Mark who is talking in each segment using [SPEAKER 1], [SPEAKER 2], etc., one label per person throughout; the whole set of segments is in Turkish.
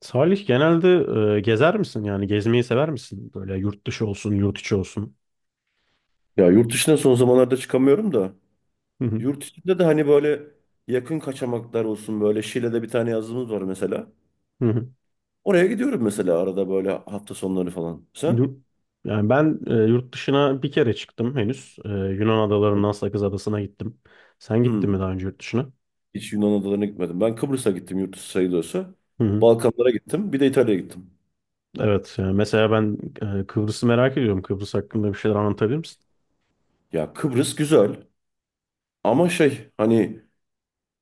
[SPEAKER 1] Salih genelde gezer misin? Yani gezmeyi sever misin? Böyle yurt dışı olsun, yurt içi olsun.
[SPEAKER 2] Ya yurt dışına son zamanlarda çıkamıyorum da
[SPEAKER 1] Hı hı,
[SPEAKER 2] yurt içinde de hani böyle yakın kaçamaklar olsun böyle Şile'de bir tane yazımız var mesela.
[SPEAKER 1] hı hı.
[SPEAKER 2] Oraya gidiyorum mesela arada böyle hafta sonları falan. Sen?
[SPEAKER 1] Yurt- Yani ben yurt dışına bir kere çıktım henüz. Yunan adalarından Sakız Adası'na gittim. Sen gittin mi
[SPEAKER 2] Hmm.
[SPEAKER 1] daha önce yurt dışına?
[SPEAKER 2] Hiç Yunan adalarına gitmedim. Ben Kıbrıs'a gittim yurt dışı sayılıyorsa.
[SPEAKER 1] Hı hı.
[SPEAKER 2] Balkanlara gittim. Bir de İtalya'ya gittim.
[SPEAKER 1] Evet, yani mesela ben Kıbrıs'ı merak ediyorum. Kıbrıs hakkında bir şeyler anlatabilir misin?
[SPEAKER 2] Ya Kıbrıs güzel ama şey hani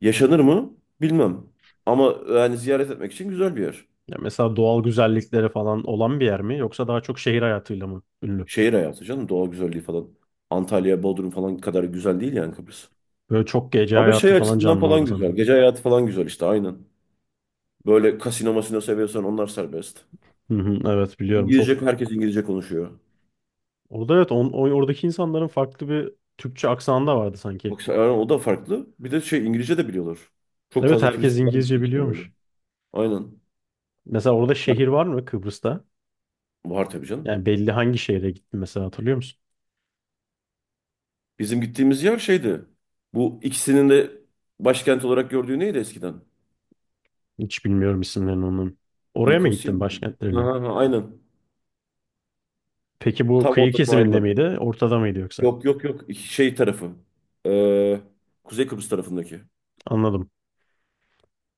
[SPEAKER 2] yaşanır mı bilmem. Ama yani ziyaret etmek için güzel bir yer.
[SPEAKER 1] Ya mesela doğal güzellikleri falan olan bir yer mi? Yoksa daha çok şehir hayatıyla mı ünlü?
[SPEAKER 2] Şehir hayatı canım. Doğa güzelliği falan. Antalya, Bodrum falan kadar güzel değil yani Kıbrıs.
[SPEAKER 1] Böyle çok gece
[SPEAKER 2] Ama şey
[SPEAKER 1] hayatı falan
[SPEAKER 2] açısından
[SPEAKER 1] canlı orada
[SPEAKER 2] falan güzel.
[SPEAKER 1] sanırım.
[SPEAKER 2] Gece hayatı falan güzel işte aynen. Böyle kasino masino seviyorsan onlar serbest.
[SPEAKER 1] Hı hı, evet biliyorum. Çok.
[SPEAKER 2] İngilizce herkes İngilizce konuşuyor.
[SPEAKER 1] Orada evet oradaki insanların farklı bir Türkçe aksanı da vardı sanki.
[SPEAKER 2] Yani o da farklı. Bir de şey İngilizce de biliyorlar. Çok
[SPEAKER 1] Evet
[SPEAKER 2] fazla
[SPEAKER 1] herkes
[SPEAKER 2] turist falan gittiği
[SPEAKER 1] İngilizce
[SPEAKER 2] için herhalde.
[SPEAKER 1] biliyormuş.
[SPEAKER 2] Aynen.
[SPEAKER 1] Mesela orada
[SPEAKER 2] Yani
[SPEAKER 1] şehir var mı Kıbrıs'ta?
[SPEAKER 2] var tabii canım.
[SPEAKER 1] Yani belli hangi şehre gittin mesela hatırlıyor musun?
[SPEAKER 2] Bizim gittiğimiz yer şeydi. Bu ikisinin de başkent olarak gördüğü neydi eskiden?
[SPEAKER 1] Hiç bilmiyorum isimlerini onun. Oraya mı
[SPEAKER 2] Nikosya
[SPEAKER 1] gittin
[SPEAKER 2] mıydı?
[SPEAKER 1] başkentlerine?
[SPEAKER 2] Aha, aha, aynen.
[SPEAKER 1] Peki bu
[SPEAKER 2] Tam
[SPEAKER 1] kıyı
[SPEAKER 2] ortadan
[SPEAKER 1] kesiminde
[SPEAKER 2] ayrılan.
[SPEAKER 1] miydi? Ortada mıydı yoksa?
[SPEAKER 2] Yok yok yok. Şey tarafı. Ee, Kuzey Kıbrıs tarafındaki.
[SPEAKER 1] Anladım.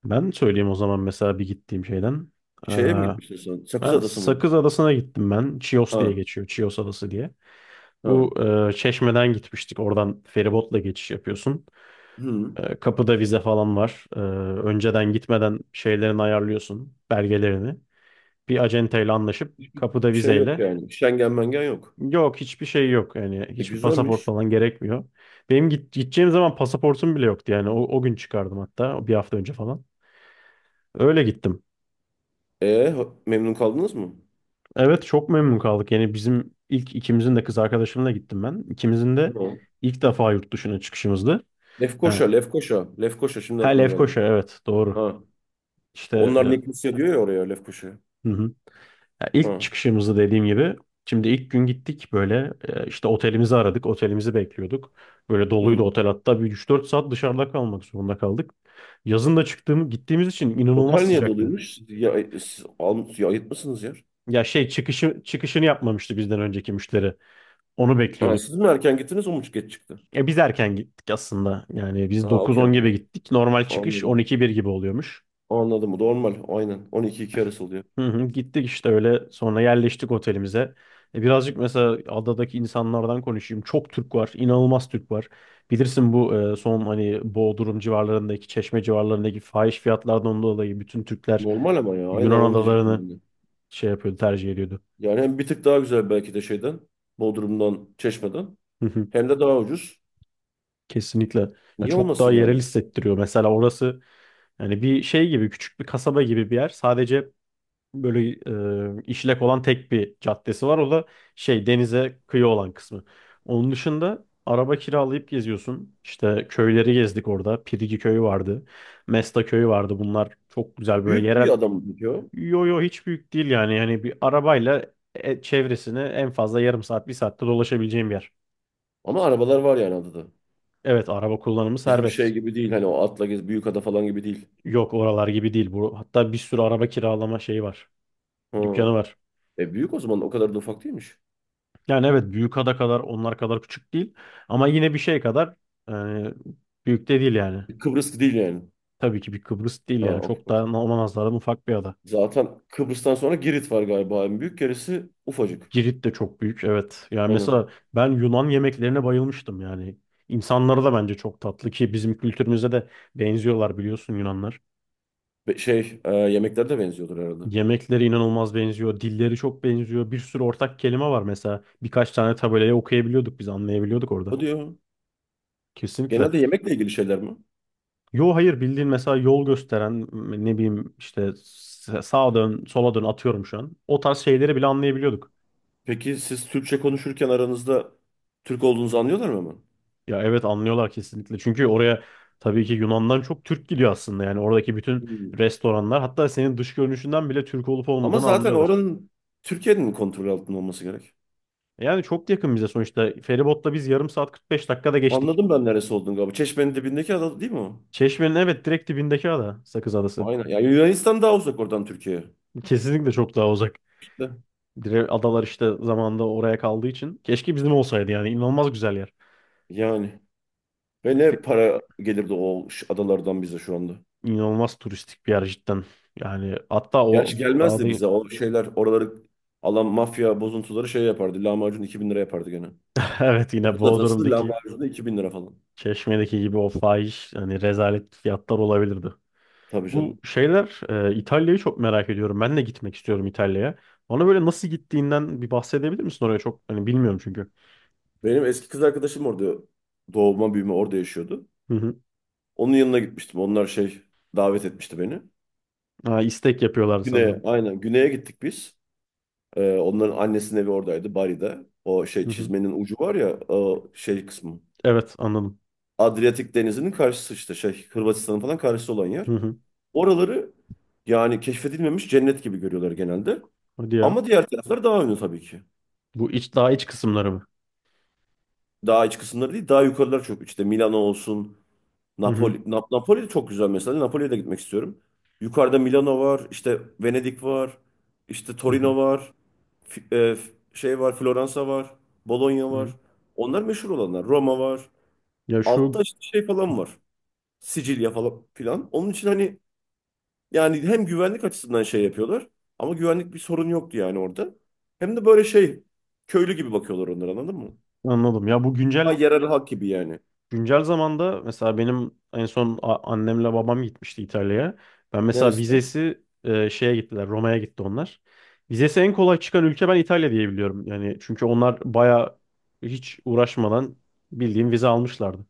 [SPEAKER 1] Ben söyleyeyim o zaman mesela bir gittiğim şeyden. Ee,
[SPEAKER 2] Şeye mi gitmiştin sen? Sakız
[SPEAKER 1] Ben
[SPEAKER 2] Adası mıydı?
[SPEAKER 1] Sakız Adası'na gittim ben. Chios diye
[SPEAKER 2] Ha,
[SPEAKER 1] geçiyor. Chios Adası diye.
[SPEAKER 2] ha.
[SPEAKER 1] Bu Çeşme'den gitmiştik. Oradan feribotla geçiş yapıyorsun.
[SPEAKER 2] Hı.
[SPEAKER 1] Kapıda vize falan var. Önceden gitmeden şeylerini ayarlıyorsun, belgelerini. Bir acenteyle anlaşıp
[SPEAKER 2] Hiçbir
[SPEAKER 1] kapıda
[SPEAKER 2] şey yok
[SPEAKER 1] vizeyle.
[SPEAKER 2] yani. Şengen mengen yok.
[SPEAKER 1] Yok hiçbir şey yok. Yani
[SPEAKER 2] E,
[SPEAKER 1] hiçbir pasaport
[SPEAKER 2] güzelmiş.
[SPEAKER 1] falan gerekmiyor. Benim gideceğim zaman pasaportum bile yoktu. Yani o gün çıkardım hatta bir hafta önce falan. Öyle gittim.
[SPEAKER 2] Memnun kaldınız mı?
[SPEAKER 1] Evet çok memnun kaldık. Yani bizim ilk ikimizin de kız arkadaşımla gittim ben. İkimizin de
[SPEAKER 2] Hı.
[SPEAKER 1] ilk defa yurt dışına çıkışımızdı. Yani,
[SPEAKER 2] Lefkoşa, Lefkoşa. Lefkoşa şimdi
[SPEAKER 1] ha
[SPEAKER 2] aklıma geldi.
[SPEAKER 1] Lefkoşa evet doğru.
[SPEAKER 2] Ha.
[SPEAKER 1] İşte,
[SPEAKER 2] Onlar
[SPEAKER 1] hı
[SPEAKER 2] Nikosya diyor ya oraya Lefkoşa.
[SPEAKER 1] hı. Ya ilk
[SPEAKER 2] Ha.
[SPEAKER 1] çıkışımızda dediğim gibi şimdi ilk gün gittik böyle işte otelimizi aradık. Otelimizi bekliyorduk. Böyle doluydu
[SPEAKER 2] Hı.
[SPEAKER 1] otel hatta bir 3-4 saat dışarıda kalmak zorunda kaldık. Yazın da gittiğimiz için inanılmaz
[SPEAKER 2] Otel niye
[SPEAKER 1] sıcaktı.
[SPEAKER 2] doluymuş? Ya, siz ayıtmışsınız yer.
[SPEAKER 1] Ya şey çıkışını yapmamıştı bizden önceki müşteri. Onu
[SPEAKER 2] Ha,
[SPEAKER 1] bekliyorduk.
[SPEAKER 2] siz mi erken gittiniz o mu geç çıktı?
[SPEAKER 1] Biz erken gittik aslında. Yani biz
[SPEAKER 2] Ha, okey
[SPEAKER 1] 9-10 gibi
[SPEAKER 2] okey.
[SPEAKER 1] gittik. Normal çıkış
[SPEAKER 2] Anladım.
[SPEAKER 1] 12-1 gibi oluyormuş.
[SPEAKER 2] Anladım. Normal. Aynen. 12-2 arası oluyor.
[SPEAKER 1] Hı hı, gittik işte öyle sonra yerleştik otelimize. Birazcık mesela adadaki insanlardan konuşayım. Çok Türk var, inanılmaz Türk var. Bilirsin bu son hani Bodrum civarlarındaki, Çeşme civarlarındaki fahiş fiyatlardan dolayı bütün Türkler
[SPEAKER 2] Normal ama ya. Aynen
[SPEAKER 1] Yunan
[SPEAKER 2] onu diyecektim
[SPEAKER 1] adalarını
[SPEAKER 2] ben de.
[SPEAKER 1] şey yapıyordu, tercih ediyordu.
[SPEAKER 2] Yani hem bir tık daha güzel belki de şeyden, Bodrum'dan, Çeşme'den.
[SPEAKER 1] Hı hı.
[SPEAKER 2] Hem de daha ucuz.
[SPEAKER 1] Kesinlikle. Ya
[SPEAKER 2] Niye
[SPEAKER 1] çok
[SPEAKER 2] olmasın
[SPEAKER 1] daha yerel
[SPEAKER 2] yani?
[SPEAKER 1] hissettiriyor. Mesela orası yani bir şey gibi küçük bir kasaba gibi bir yer. Sadece böyle işlek olan tek bir caddesi var. O da şey denize kıyı olan kısmı. Onun dışında araba kiralayıp geziyorsun. İşte köyleri gezdik orada. Pirigi köyü vardı. Mesta köyü vardı. Bunlar çok güzel böyle
[SPEAKER 2] Büyük bir
[SPEAKER 1] yerel.
[SPEAKER 2] adam diyor.
[SPEAKER 1] Yo yo hiç büyük değil yani. Yani bir arabayla çevresini en fazla yarım saat bir saatte dolaşabileceğim bir yer.
[SPEAKER 2] Ama arabalar var yani adada.
[SPEAKER 1] Evet araba kullanımı
[SPEAKER 2] Bizim
[SPEAKER 1] serbest.
[SPEAKER 2] şey gibi değil hani o atla gez büyük ada falan gibi değil.
[SPEAKER 1] Yok oralar gibi değil bu. Hatta bir sürü araba kiralama şeyi var.
[SPEAKER 2] Ha.
[SPEAKER 1] Dükkanı var.
[SPEAKER 2] E büyük o zaman o kadar da ufak değilmiş.
[SPEAKER 1] Yani evet Büyükada kadar onlar kadar küçük değil. Ama yine bir şey kadar yani büyük de değil yani.
[SPEAKER 2] Kıbrıs değil yani.
[SPEAKER 1] Tabii ki bir Kıbrıs değil
[SPEAKER 2] Ha,
[SPEAKER 1] yani.
[SPEAKER 2] of
[SPEAKER 1] Çok daha
[SPEAKER 2] course.
[SPEAKER 1] ona nazaran ufak bir ada.
[SPEAKER 2] Zaten Kıbrıs'tan sonra Girit var galiba. En büyük gerisi ufacık.
[SPEAKER 1] Girit de çok büyük evet. Yani
[SPEAKER 2] Aynen.
[SPEAKER 1] mesela ben Yunan yemeklerine bayılmıştım yani. İnsanları da bence çok tatlı ki bizim kültürümüze de benziyorlar biliyorsun Yunanlar.
[SPEAKER 2] Şey yemekler de benziyordur herhalde.
[SPEAKER 1] Yemekleri inanılmaz benziyor. Dilleri çok benziyor. Bir sürü ortak kelime var mesela. Birkaç tane tabelayı okuyabiliyorduk biz anlayabiliyorduk orada.
[SPEAKER 2] O diyor.
[SPEAKER 1] Kesinlikle.
[SPEAKER 2] Genelde yemekle ilgili şeyler mi?
[SPEAKER 1] Yo hayır bildiğin mesela yol gösteren ne bileyim işte sağa dön sola dön atıyorum şu an. O tarz şeyleri bile anlayabiliyorduk.
[SPEAKER 2] Peki siz Türkçe konuşurken aranızda Türk olduğunuzu anlıyorlar mı hemen?
[SPEAKER 1] Ya evet anlıyorlar kesinlikle. Çünkü oraya tabii ki Yunan'dan çok Türk gidiyor aslında. Yani oradaki bütün
[SPEAKER 2] Hmm.
[SPEAKER 1] restoranlar hatta senin dış görünüşünden bile Türk olup
[SPEAKER 2] Ama
[SPEAKER 1] olmadığını
[SPEAKER 2] zaten
[SPEAKER 1] anlıyorlar.
[SPEAKER 2] oranın Türkiye'nin kontrol altında olması gerek.
[SPEAKER 1] Yani çok yakın bize sonuçta. Feribotla biz yarım saat 45 dakikada geçtik.
[SPEAKER 2] Anladım ben neresi olduğunu galiba. Çeşmenin dibindeki ada değil mi o?
[SPEAKER 1] Çeşme'nin evet direkt dibindeki ada Sakız Adası.
[SPEAKER 2] Aynen. Yani Yunanistan daha uzak oradan Türkiye'ye.
[SPEAKER 1] Kesinlikle çok daha uzak.
[SPEAKER 2] İşte.
[SPEAKER 1] Adalar işte zamanında oraya kaldığı için. Keşke bizim olsaydı yani inanılmaz güzel yer.
[SPEAKER 2] Yani. Ve ne para gelirdi o adalardan bize şu anda.
[SPEAKER 1] İnanılmaz turistik bir yer cidden. Yani hatta o
[SPEAKER 2] Gerçi
[SPEAKER 1] dağda
[SPEAKER 2] gelmezdi bize. O şeyler oraları alan mafya bozuntuları şey yapardı. Lahmacun 2.000 lira yapardı gene.
[SPEAKER 1] evet yine
[SPEAKER 2] Sakız atası
[SPEAKER 1] Bodrum'daki
[SPEAKER 2] lahmacun da 2.000 lira falan.
[SPEAKER 1] Çeşme'deki gibi o fahiş hani rezalet fiyatlar olabilirdi.
[SPEAKER 2] Tabii
[SPEAKER 1] Bu
[SPEAKER 2] canım.
[SPEAKER 1] şeyler İtalya'yı çok merak ediyorum. Ben de gitmek istiyorum İtalya'ya. Bana böyle nasıl gittiğinden bir bahsedebilir misin oraya çok hani bilmiyorum çünkü.
[SPEAKER 2] Benim eski kız arkadaşım orada doğma büyüme orada yaşıyordu.
[SPEAKER 1] Hı hı.
[SPEAKER 2] Onun yanına gitmiştim. Onlar şey davet etmişti beni.
[SPEAKER 1] Ha, istek yapıyorlar
[SPEAKER 2] Güney'e
[SPEAKER 1] sanırım.
[SPEAKER 2] aynen Güney'e gittik biz. Onların annesinin evi oradaydı Bari'de. O şey
[SPEAKER 1] Hı hı.
[SPEAKER 2] çizmenin ucu var ya o şey kısmı.
[SPEAKER 1] Evet anladım.
[SPEAKER 2] Adriyatik Denizi'nin karşısı işte şey Hırvatistan'ın falan karşısı olan yer.
[SPEAKER 1] Hı hı.
[SPEAKER 2] Oraları yani keşfedilmemiş cennet gibi görüyorlar genelde.
[SPEAKER 1] Hadi ya.
[SPEAKER 2] Ama diğer taraflar daha ünlü tabii ki.
[SPEAKER 1] Bu iç Daha iç kısımları mı?
[SPEAKER 2] Daha iç kısımları değil daha yukarılar çok. İşte Milano olsun,
[SPEAKER 1] Hı
[SPEAKER 2] Napoli,
[SPEAKER 1] hı.
[SPEAKER 2] Nap- Napoli de çok güzel mesela. Napoli'ye de gitmek istiyorum. Yukarıda Milano var, işte Venedik var, işte
[SPEAKER 1] Hı hı.
[SPEAKER 2] Torino var, şey var, Floransa var, Bologna
[SPEAKER 1] Hı
[SPEAKER 2] var.
[SPEAKER 1] hı.
[SPEAKER 2] Onlar meşhur olanlar. Roma var.
[SPEAKER 1] Ya
[SPEAKER 2] Altta
[SPEAKER 1] şu
[SPEAKER 2] işte şey falan var. Sicilya falan filan. Onun için hani yani hem güvenlik açısından şey yapıyorlar ama güvenlik bir sorun yoktu yani orada. Hem de böyle şey köylü gibi bakıyorlar onlara anladın mı?
[SPEAKER 1] Anladım. Ya bu
[SPEAKER 2] Ha,
[SPEAKER 1] güncel
[SPEAKER 2] yerel halk gibi yani.
[SPEAKER 1] Güncel zamanda mesela benim en son annemle babam gitmişti İtalya'ya. Ben mesela
[SPEAKER 2] Neresine?
[SPEAKER 1] vizesi şeye gittiler, Roma'ya gitti onlar. Vizesi en kolay çıkan ülke ben İtalya diye biliyorum. Yani çünkü onlar baya hiç uğraşmadan bildiğim vize almışlardı.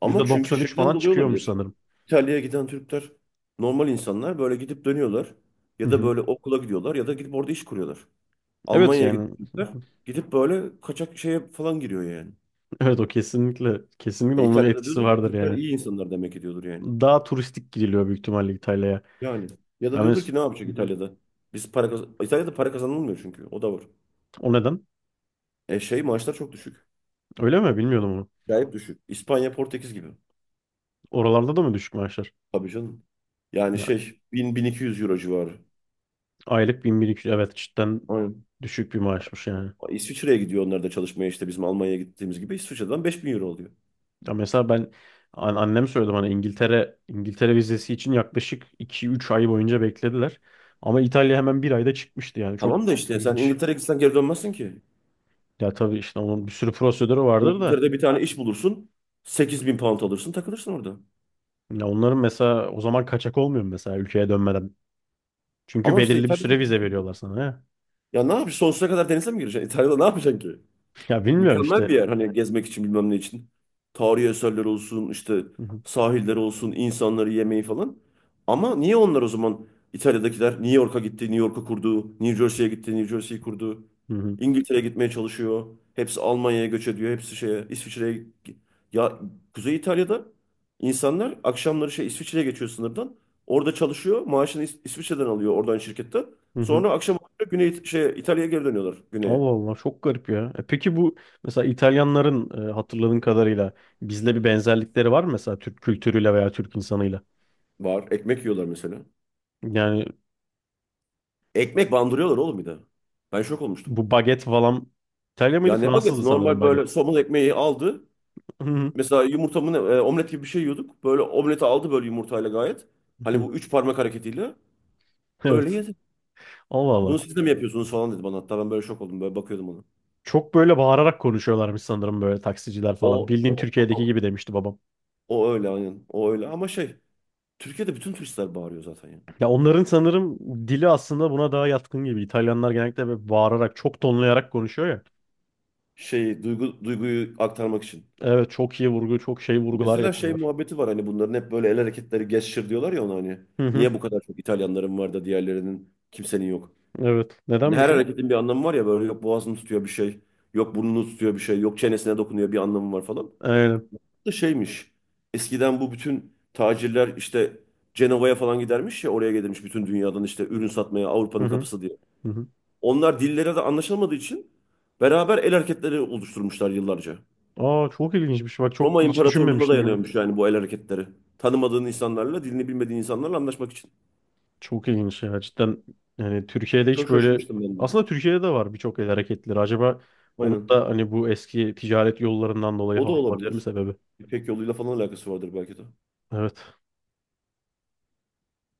[SPEAKER 2] Ama çünkü
[SPEAKER 1] %93
[SPEAKER 2] şeyden
[SPEAKER 1] falan
[SPEAKER 2] dolayı
[SPEAKER 1] çıkıyormuş
[SPEAKER 2] olabilir.
[SPEAKER 1] sanırım.
[SPEAKER 2] İtalya'ya giden Türkler normal insanlar böyle gidip dönüyorlar.
[SPEAKER 1] Hı
[SPEAKER 2] Ya da
[SPEAKER 1] hı.
[SPEAKER 2] böyle okula gidiyorlar ya da gidip orada iş kuruyorlar.
[SPEAKER 1] Evet
[SPEAKER 2] Almanya'ya giden
[SPEAKER 1] yani
[SPEAKER 2] Türkler gidip böyle kaçak şeye falan giriyor yani.
[SPEAKER 1] evet o kesinlikle kesinlikle
[SPEAKER 2] E
[SPEAKER 1] onun
[SPEAKER 2] İtalya'da
[SPEAKER 1] etkisi
[SPEAKER 2] diyordur ki
[SPEAKER 1] vardır
[SPEAKER 2] Türkler
[SPEAKER 1] yani.
[SPEAKER 2] iyi insanlar demek ki yani.
[SPEAKER 1] Daha turistik gidiliyor büyük ihtimalle İtalya'ya.
[SPEAKER 2] Yani. Ya da
[SPEAKER 1] Yani
[SPEAKER 2] diyordur ki ne yapacak
[SPEAKER 1] hı hı.
[SPEAKER 2] İtalya'da? Biz para İtalya'da para kazanılmıyor çünkü. O da var.
[SPEAKER 1] O neden?
[SPEAKER 2] E şey maaşlar çok düşük.
[SPEAKER 1] Öyle mi? Bilmiyordum onu.
[SPEAKER 2] Acayip düşük. İspanya, Portekiz gibi.
[SPEAKER 1] Oralarda da mı düşük maaşlar?
[SPEAKER 2] Tabii canım. Yani şey 1.000 1.200 euro civarı.
[SPEAKER 1] Aylık 1.200 evet cidden
[SPEAKER 2] Aynen.
[SPEAKER 1] düşük bir maaşmış yani.
[SPEAKER 2] İsviçre'ye gidiyor onlar da çalışmaya işte bizim Almanya'ya gittiğimiz gibi İsviçre'den 5.000 euro oluyor.
[SPEAKER 1] Ya mesela ben annem söyledi bana İngiltere vizesi için yaklaşık 2-3 ay boyunca beklediler. Ama İtalya hemen bir ayda çıkmıştı yani çok
[SPEAKER 2] Tamam da işte sen
[SPEAKER 1] ilginç.
[SPEAKER 2] İngiltere'ye gitsen geri dönmezsin ki.
[SPEAKER 1] Ya tabii işte onun bir sürü prosedürü vardır da
[SPEAKER 2] İngiltere'de bir tane iş bulursun 8.000 pound alırsın takılırsın orada.
[SPEAKER 1] ya onların mesela o zaman kaçak olmuyor mu mesela ülkeye dönmeden? Çünkü
[SPEAKER 2] Ama işte
[SPEAKER 1] belirli bir
[SPEAKER 2] İtalya'da
[SPEAKER 1] süre vize veriyorlar sana ya.
[SPEAKER 2] ya ne yapacaksın sonsuza kadar denize mi gireceksin? İtalya'da ne yapacaksın ki?
[SPEAKER 1] Ya bilmiyorum
[SPEAKER 2] Mükemmel
[SPEAKER 1] işte.
[SPEAKER 2] bir yer hani gezmek için bilmem ne için. Tarihi eserler olsun, işte
[SPEAKER 1] Hı hı,
[SPEAKER 2] sahiller olsun, insanları yemeği falan. Ama niye onlar o zaman İtalya'dakiler New York'a gitti, New York'u kurdu, New Jersey'ye gitti, New Jersey'yi kurdu.
[SPEAKER 1] hı hı,
[SPEAKER 2] İngiltere'ye gitmeye çalışıyor. Hepsi Almanya'ya göç ediyor, hepsi şeye, İsviçre'ye. gi- Ya Kuzey İtalya'da insanlar akşamları şey İsviçre'ye geçiyor sınırdan. Orada çalışıyor, maaşını İsviçre'den alıyor oradan şirkette.
[SPEAKER 1] hı hı.
[SPEAKER 2] Sonra akşam oluyor, Güney şey İtalya'ya geri dönüyorlar güneye.
[SPEAKER 1] Allah Allah çok garip ya. Peki bu mesela İtalyanların hatırladığın kadarıyla bizle bir benzerlikleri var mı mesela Türk kültürüyle veya Türk insanıyla?
[SPEAKER 2] Var, ekmek yiyorlar mesela.
[SPEAKER 1] Yani
[SPEAKER 2] Ekmek bandırıyorlar oğlum bir de. Ben şok olmuştum.
[SPEAKER 1] bu baget falan İtalya mıydı?
[SPEAKER 2] Ya ne
[SPEAKER 1] Fransızdı
[SPEAKER 2] bageti?
[SPEAKER 1] sanırım
[SPEAKER 2] Normal böyle
[SPEAKER 1] baget.
[SPEAKER 2] somun ekmeği aldı.
[SPEAKER 1] Hı
[SPEAKER 2] Mesela yumurtamın omlet gibi bir şey yiyorduk. Böyle omleti aldı böyle yumurtayla gayet. Hani bu
[SPEAKER 1] hı.
[SPEAKER 2] üç parmak hareketiyle. Öyle
[SPEAKER 1] Evet.
[SPEAKER 2] yedi.
[SPEAKER 1] Allah
[SPEAKER 2] Bunu
[SPEAKER 1] Allah.
[SPEAKER 2] siz de mi yapıyorsunuz falan dedi bana. Hatta ben böyle şok oldum. Böyle bakıyordum ona.
[SPEAKER 1] Çok böyle bağırarak konuşuyorlarmış sanırım böyle taksiciler falan.
[SPEAKER 2] O,
[SPEAKER 1] Bildiğin
[SPEAKER 2] o,
[SPEAKER 1] Türkiye'deki gibi demişti babam.
[SPEAKER 2] o öyle aynen. O öyle ama şey. Türkiye'de bütün turistler bağırıyor zaten ya.
[SPEAKER 1] Ya onların sanırım dili aslında buna daha yatkın gibi. İtalyanlar genellikle böyle bağırarak, çok tonlayarak konuşuyor ya.
[SPEAKER 2] Şey, duyguyu aktarmak için.
[SPEAKER 1] Evet, çok iyi vurgu, çok şey vurgular
[SPEAKER 2] Mesela şey
[SPEAKER 1] yapıyorlar.
[SPEAKER 2] muhabbeti var hani bunların hep böyle el hareketleri gesture diyorlar ya ona hani.
[SPEAKER 1] Hı hı,
[SPEAKER 2] Niye bu kadar çok İtalyanların var da diğerlerinin kimsenin yok.
[SPEAKER 1] evet.
[SPEAKER 2] Hani her
[SPEAKER 1] Nedenmiş o?
[SPEAKER 2] hareketin bir anlamı var ya böyle yok boğazını tutuyor bir şey, yok burnunu tutuyor bir şey, yok çenesine dokunuyor bir anlamı var falan.
[SPEAKER 1] Aynen.
[SPEAKER 2] Da şeymiş. Eskiden bu bütün tacirler işte Cenova'ya falan gidermiş ya oraya gelirmiş bütün dünyadan işte ürün satmaya
[SPEAKER 1] Hı
[SPEAKER 2] Avrupa'nın
[SPEAKER 1] hı.
[SPEAKER 2] kapısı diye.
[SPEAKER 1] Hı hı.
[SPEAKER 2] Onlar dillere de anlaşılmadığı için beraber el hareketleri oluşturmuşlar yıllarca.
[SPEAKER 1] Aa çok ilginçmiş. Bak çok
[SPEAKER 2] Roma
[SPEAKER 1] hiç
[SPEAKER 2] İmparatorluğu'na
[SPEAKER 1] düşünmemiştim bunu.
[SPEAKER 2] dayanıyormuş yani bu el hareketleri. Tanımadığın insanlarla, dilini bilmediğin insanlarla anlaşmak için.
[SPEAKER 1] Çok ilginç ya. Cidden yani Türkiye'de hiç
[SPEAKER 2] Çok
[SPEAKER 1] böyle
[SPEAKER 2] şaşırmıştım ben de.
[SPEAKER 1] aslında Türkiye'de de var birçok el hareketleri. Acaba onun
[SPEAKER 2] Aynen.
[SPEAKER 1] da hani bu eski ticaret yollarından dolayı
[SPEAKER 2] O da
[SPEAKER 1] falan olabilir mi
[SPEAKER 2] olabilir.
[SPEAKER 1] sebebi?
[SPEAKER 2] İpek yoluyla falan alakası vardır belki de.
[SPEAKER 1] Evet.